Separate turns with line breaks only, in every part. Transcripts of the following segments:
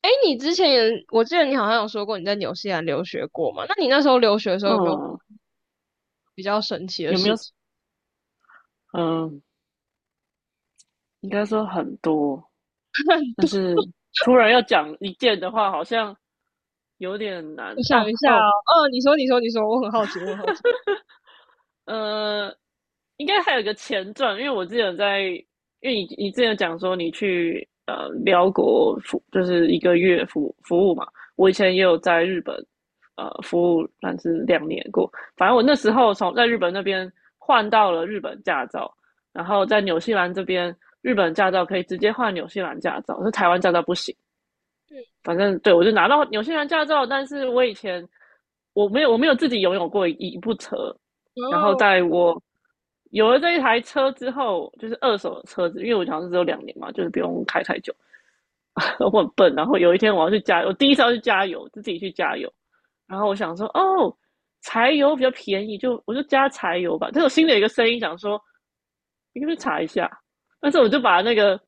哎，你之前也，我记得你好像有说过你在纽西兰留学过嘛？那你那时候留学的时候有没有
嗯，
比较神奇的
有没
事
有？
情？
嗯，应该说很多，但是突然要讲一件的话，好像有点难。
我想
哦
一下
哦，
哦，嗯，你说，你说，你说，我很好奇，我很好奇。
呃，应该还有一个前传，因为你之前讲说你去辽国服，就是一个月服务嘛。我以前也有在日本服务，但是两年过。反正我那时候从在日本那边换到了日本驾照，然后在纽西兰这边，日本驾照可以直接换纽西兰驾照，是台湾驾照不行。
嗯，
反正对我就拿到纽西兰驾照，但是我以前我没有自己拥有过一部车，然后
哦，
在我有了这一台车之后，就是二手的车子，因为我好像是只有两年嘛，就是不用开太久。我很笨，然后有一天我要去加油，我第一次要去加油，就自己去加油，然后我想说哦，柴油比较便宜，就我就加柴油吧。但我心里有一个声音想说，你可不可以查一下？但是我就把那个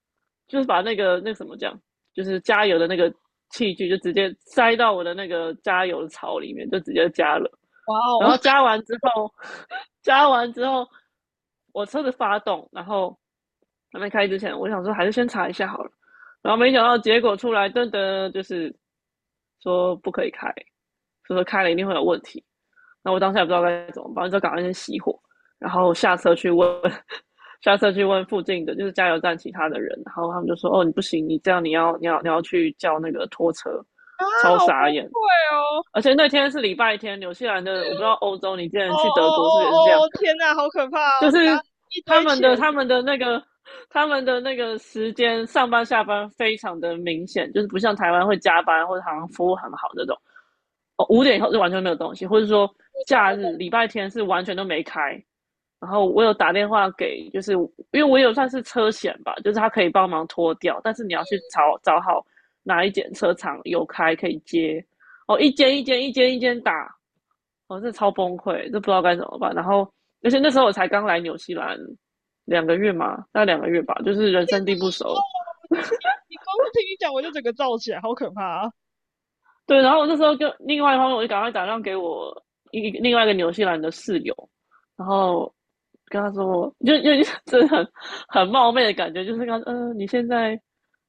就是把那个什么讲，就是加油的那个器具，就直接塞到我的那个加油槽里面，就直接加了。
哇
然
哦，
后 加完之后，加完之后，我车子发动，然后还没开之前，我想说还是先查一下好了。然后没想到结果出来，噔噔，就是说不可以开，所以说开了一定会有问题。那我当下也不知道该怎么办，就赶快先熄火，然后下车去问，下车去问附近的就是加油站其他的人，然后他们就说：“哦，你不行，你这样你要去叫那个拖车。”
啊，
超
好崩
傻眼。
溃哦！
而且那天是礼拜天，纽西兰的，我不知道欧洲，你之
哦
前去德
哦
国是不是也是这样？
哦哦，天呐，好可怕
就
哦！加
是
一
他
堆
们
钱，
的他们的那个他们的那个时间上班下班非常的明显，就是不像台湾会加班或者好像服务很好那种。哦，5点以后就完全没有东西，或者说
我懂，
假
我懂。
日礼拜天是完全都没开。然后我有打电话给，就是因为我有算是车险吧，就是他可以帮忙拖掉，但是你要去找找好哪一间车厂有开可以接。哦，一间一间一间一间打，我是超崩溃，就不知道该怎么办。然后，而且那时候我才刚来纽西兰两个月嘛，大概两个月吧，就是人
天
生
呐，
地不熟，
哦，你光是听你讲，我就整个燥起来，好可怕啊！
对，然后我那时候就另外一方面，我就赶快打电话给我另外一个纽西兰的室友，然后跟他说，就 真的很冒昧的感觉，就是跟他说，你现在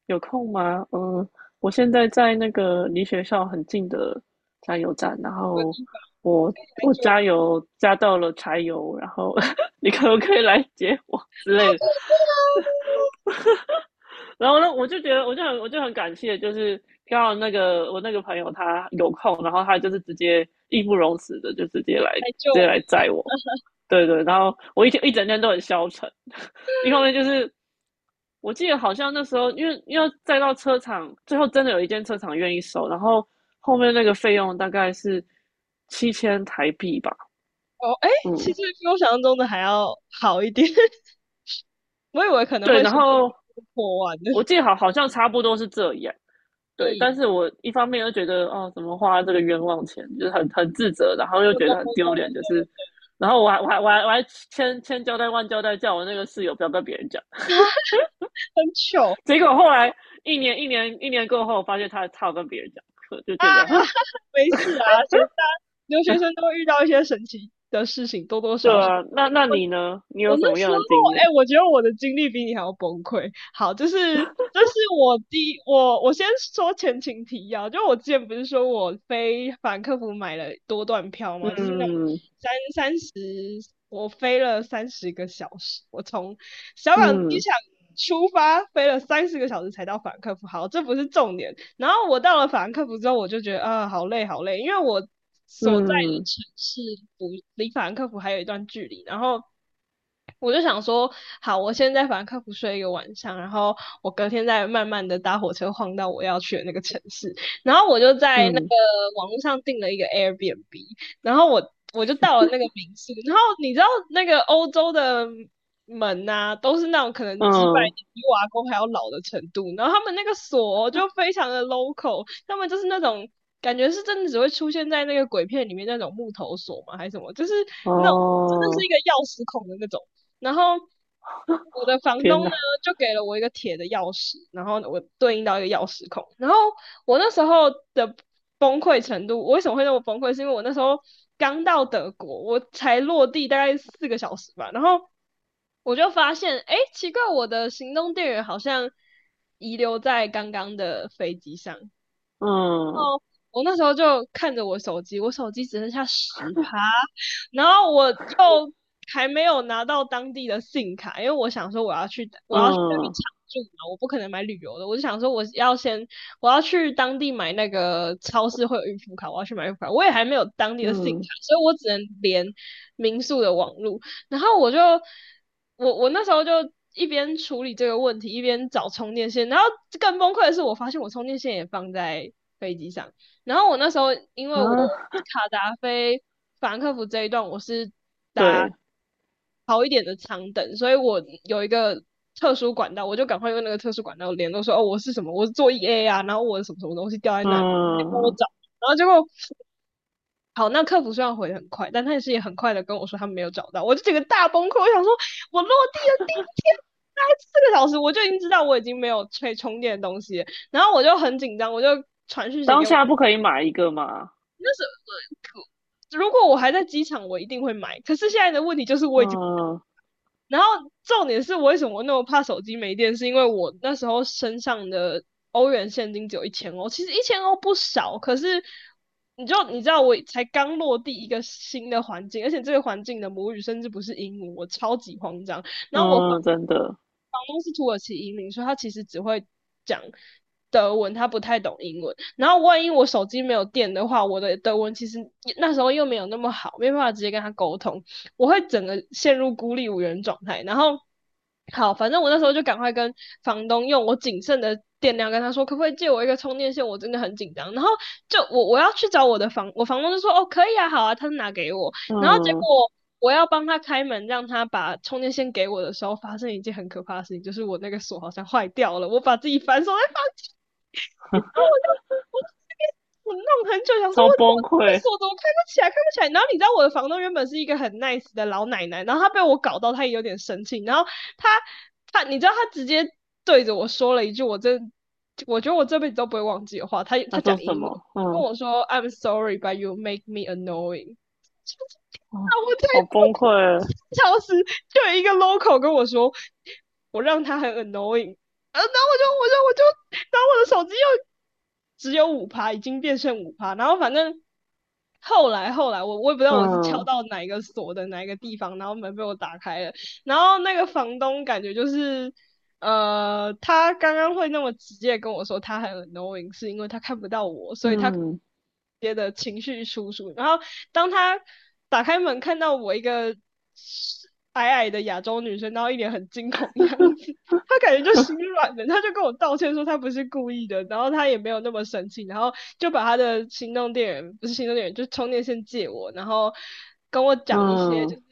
有空吗？我现在在那个离学校很近的加油站，然
某个
后
地方
我
可以来
我
救我，
加油加到了柴油，然后 你可不可以来接我之
好
类的？
可怕啊，
然后呢，我就觉得，我就很感谢，就是刚好那个我那个朋友他有空，然后他就是直接义不容辞的，就直接来，
来救
直接
你
来载我。对对，然后我一天一整天都很消沉，一方面就是我记得好像那时候，因为载到车厂，最后真的有一间车厂愿意收，然后后面那个费用大概是7000台币吧，
哦！哎，其
嗯，
实比我想象中的还要好一点。我以为可能
对，
会
然
随随
后
便便破万的。
我记得好像差不多是这样，对，但
嗯，
是我一方面又觉得，哦，怎么花这个冤枉钱，就是很自责，然后 又
我懂
觉得很
我懂，
丢脸，就是，然后我还千千交代万交代，叫我那个室友不要跟别人讲。
很糗，
结果后来一年一年一年过后，我发现他有跟别人讲就觉得，
没事啊，谁大留学生都会遇到一些神奇的事情，多多
对
少少。
啊，那你呢？你
我
有什
那
么
时
样的经验？
候，哎、我觉得我的经历比你还要崩溃。好，就是这是我第一我我先说前情提要，就我之前不是说我飞法兰克福买了多段票吗？就是那种
嗯
三十，我飞了三十个小时，我从小港机
嗯
场出发飞了三十个小时才到法兰克福。好，这不是重点。然后我到了法兰克福之后，我就觉得啊、好累，好累，因为我所在的
嗯
城市不离法兰克福还有一段距离，然后。我就想说，好，我先在法兰克福睡一个晚上，然后我隔天再慢慢的搭火车晃到我要去的那个城市。然后我就在那个
嗯
网络上订了一个 Airbnb，然后我就到了那个民宿，然后你知道那个欧洲的门呐、都是那种可能几百
嗯，
年比瓦工还要老的程度，然后他们那个锁就非常的 local，他们就是那种。感觉是真的只会出现在那个鬼片里面那种木头锁吗？还是什么？就是那种真的是
哦，
一个钥匙孔的那种。然后我的房东
天哪，
呢，就给了我一个铁的钥匙，然后我对应到一个钥匙孔。然后我那时候的崩溃程度，我为什么会那么崩溃？是因为我那时候刚到德国，我才落地大概四个小时吧，然后我就发现，哎，奇怪，我的行动电源好像遗留在刚刚的飞机上。
嗯
我那时候就看着我手机，我手机只剩下百分之十趴，然后我又还没有拿到当地的信卡，因为我想说我要去那边
嗯
常住嘛，我不可能买旅游的，我就想说我要去当地买那个超市会有预付卡，我要去买预付卡，我也还没有当地的信卡，
嗯
所以我只能连民宿的网路，然后我那时候就。一边处理这个问题，一边找充电线，然后更崩溃的是，我发现我充电线也放在飞机上，然后我那时候因为我
啊，
卡达菲法兰克福这一段我是搭
对，
好一点的长等，所以我有一个特殊管道，我就赶快用那个特殊管道联络说，哦，我是什么，我是做 EA 啊，然后我什么什么东西掉在那里，可以帮我
嗯。
找。然后结果好，那客服虽然回的很快，但他也很快的跟我说他没有找到，我就整个大崩溃，我想说，我落地的第一天。大概四个小时，我就已经知道我已经没有可以充电的东西了。然后我就很紧张，我就传讯息
当
给我。
下不可以买一个嘛？
如果我还在机场，我一定会买。可是现在的问题就是我已经，
嗯
然后重点是我为什么那么怕手机没电，是因为我那时候身上的欧元现金只有一千欧，其实一千欧不少，可是你知道我才刚落地一个新的环境，而且这个环境的母语甚至不是英文，我超级慌张。然后我房
嗯，真的，
房东是土耳其移民，所以他其实只会讲德文，他不太懂英文。然后万一我手机没有电的话，我的德文其实那时候又没有那么好，没办法直接跟他沟通，我会整个陷入孤立无援状态。然后好，反正我那时候就赶快跟房东用我仅剩的电量跟他说，可不可以借我一个充电线？我真的很紧张。然后就我我要去找我的房，我房东就说哦可以啊，好啊，他就拿给我。然后结
嗯，
果我要帮他开门，让他把充电线给我的时候，发生一件很可怕的事情，就是我那个锁好像坏掉了，我把自己反锁在房间。然后我就这边我弄很久，想说
超
我
崩
我这个
溃。
锁怎么开不起来，开不起来。然后你知道我的房东原本是一个很 nice 的老奶奶，然后她被我搞到，她也有点生气。然后她她你知道她直接对着我说了一句，我觉得我这辈子都不会忘记的话。她
他
她讲
说什
英文
么？
跟
嗯
我说：“I'm sorry, but you make me annoying。”
啊，
啊，我才
好
过
崩溃。
3小时，就有一个 local 跟我说我让他很 annoying。呃然后我就我就我就然后我的手机又只有五趴，已经变剩五趴，然后反正后来我也不知道我是敲
嗯
到哪一个锁的哪一个地方，然后门被我打开了，然后那个房东感觉就是他刚刚会那么直接跟我说他很 annoying，是因为他看不到我，所以他直
嗯
接的情绪输出，然后当他打开门看到我一个矮矮的亚洲女生，然后一脸很惊恐的样子，他感觉就心软了，他就跟我道歉说他不是故意的，然后他也没有那么生气，然后就把他的行动电源不是行动电源，就充电线借我，然后跟我讲一些就
嗯，
是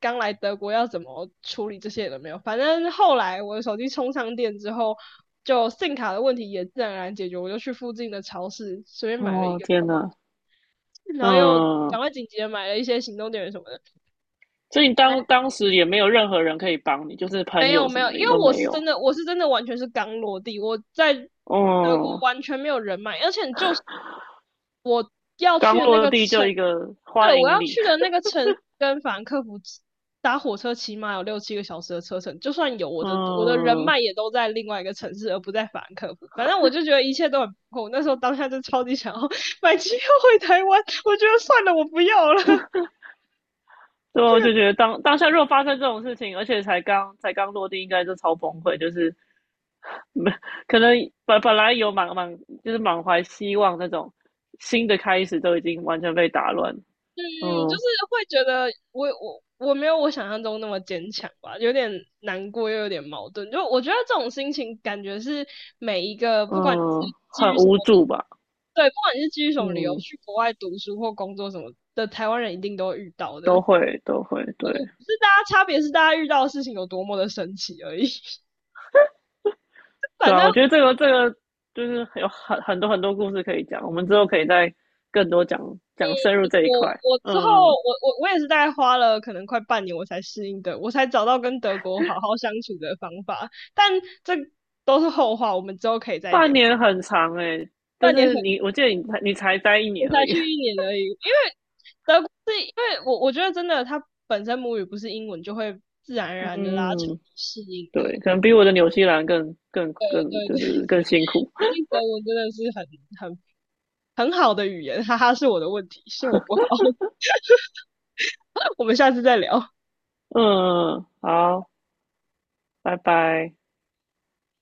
刚来德国要怎么处理这些都没有。反正后来我的手机充上电之后，就 SIM 卡的问题也自然而然解决，我就去附近的超市随便买了一
哦
个，
天哪，
然后又
嗯，
赶快紧急的买了一些行动电源什么的。
所以你当时也没有任何人可以帮你，就是朋
没有
友什
没有，
么
因
的也都
为我
没
是
有。
真的，我是真的完全是刚落地，我在德国
嗯，
完全没有人脉，而且你就是要
刚
去的那
落
个
地就
城，
一个
对，
欢
我要
迎礼。
去的那个城跟法兰克福打火车起码有六七个小时的车程，就算有我的人
嗯，
脉也都在另外一个城市，而不在法兰克福。反正我就觉得一切都很不够，我那时候当下就超级想要 买机票回台湾，我觉得算了，我不要了。
对啊我就觉得当下如果发生这种事情，而且才刚落地，应该就超崩溃，就是 没可能本来有满满就是满怀希望那种新的开始，都已经完全被打乱。
嗯，就
嗯
是会觉得我没有我想象中那么坚强吧，有点难过又有点矛盾。就我觉得这种心情感觉是每一个，不管你是
嗯，
基
很
于什么，
无助吧？
对，不管你是基于什么理由
嗯，
去国外读书或工作什么的，台湾人一定都会遇到
都
的。
会都会，对
只是大家差别是大家遇到的事情有多么的神奇而已。
对
反
啊，
正
我觉得这个就是有很多很多故事可以讲，我们之后可以再更多讲讲深入这一块。
我我之后
嗯，
我我我也是大概花了可能快半年我才适应的，我才找到跟德国好好相处的方法。但这都是后话，我们之后可以再
半
聊。
年很长诶、欸就
半年
是
很，
你，我记得你才待一
我
年而
才
已。
去一年而已，因为德国是因为我觉得真的，它本身母语不是英文，就会自然而然的拉长
嗯，
适应 的。
对，可能比我的纽西兰
对
更
对
就
对
是更
对，
辛苦。
毕竟德文真的是很很好的语言，哈哈，是我的问题，是我不好。我们下次再聊。
嗯，好，拜拜。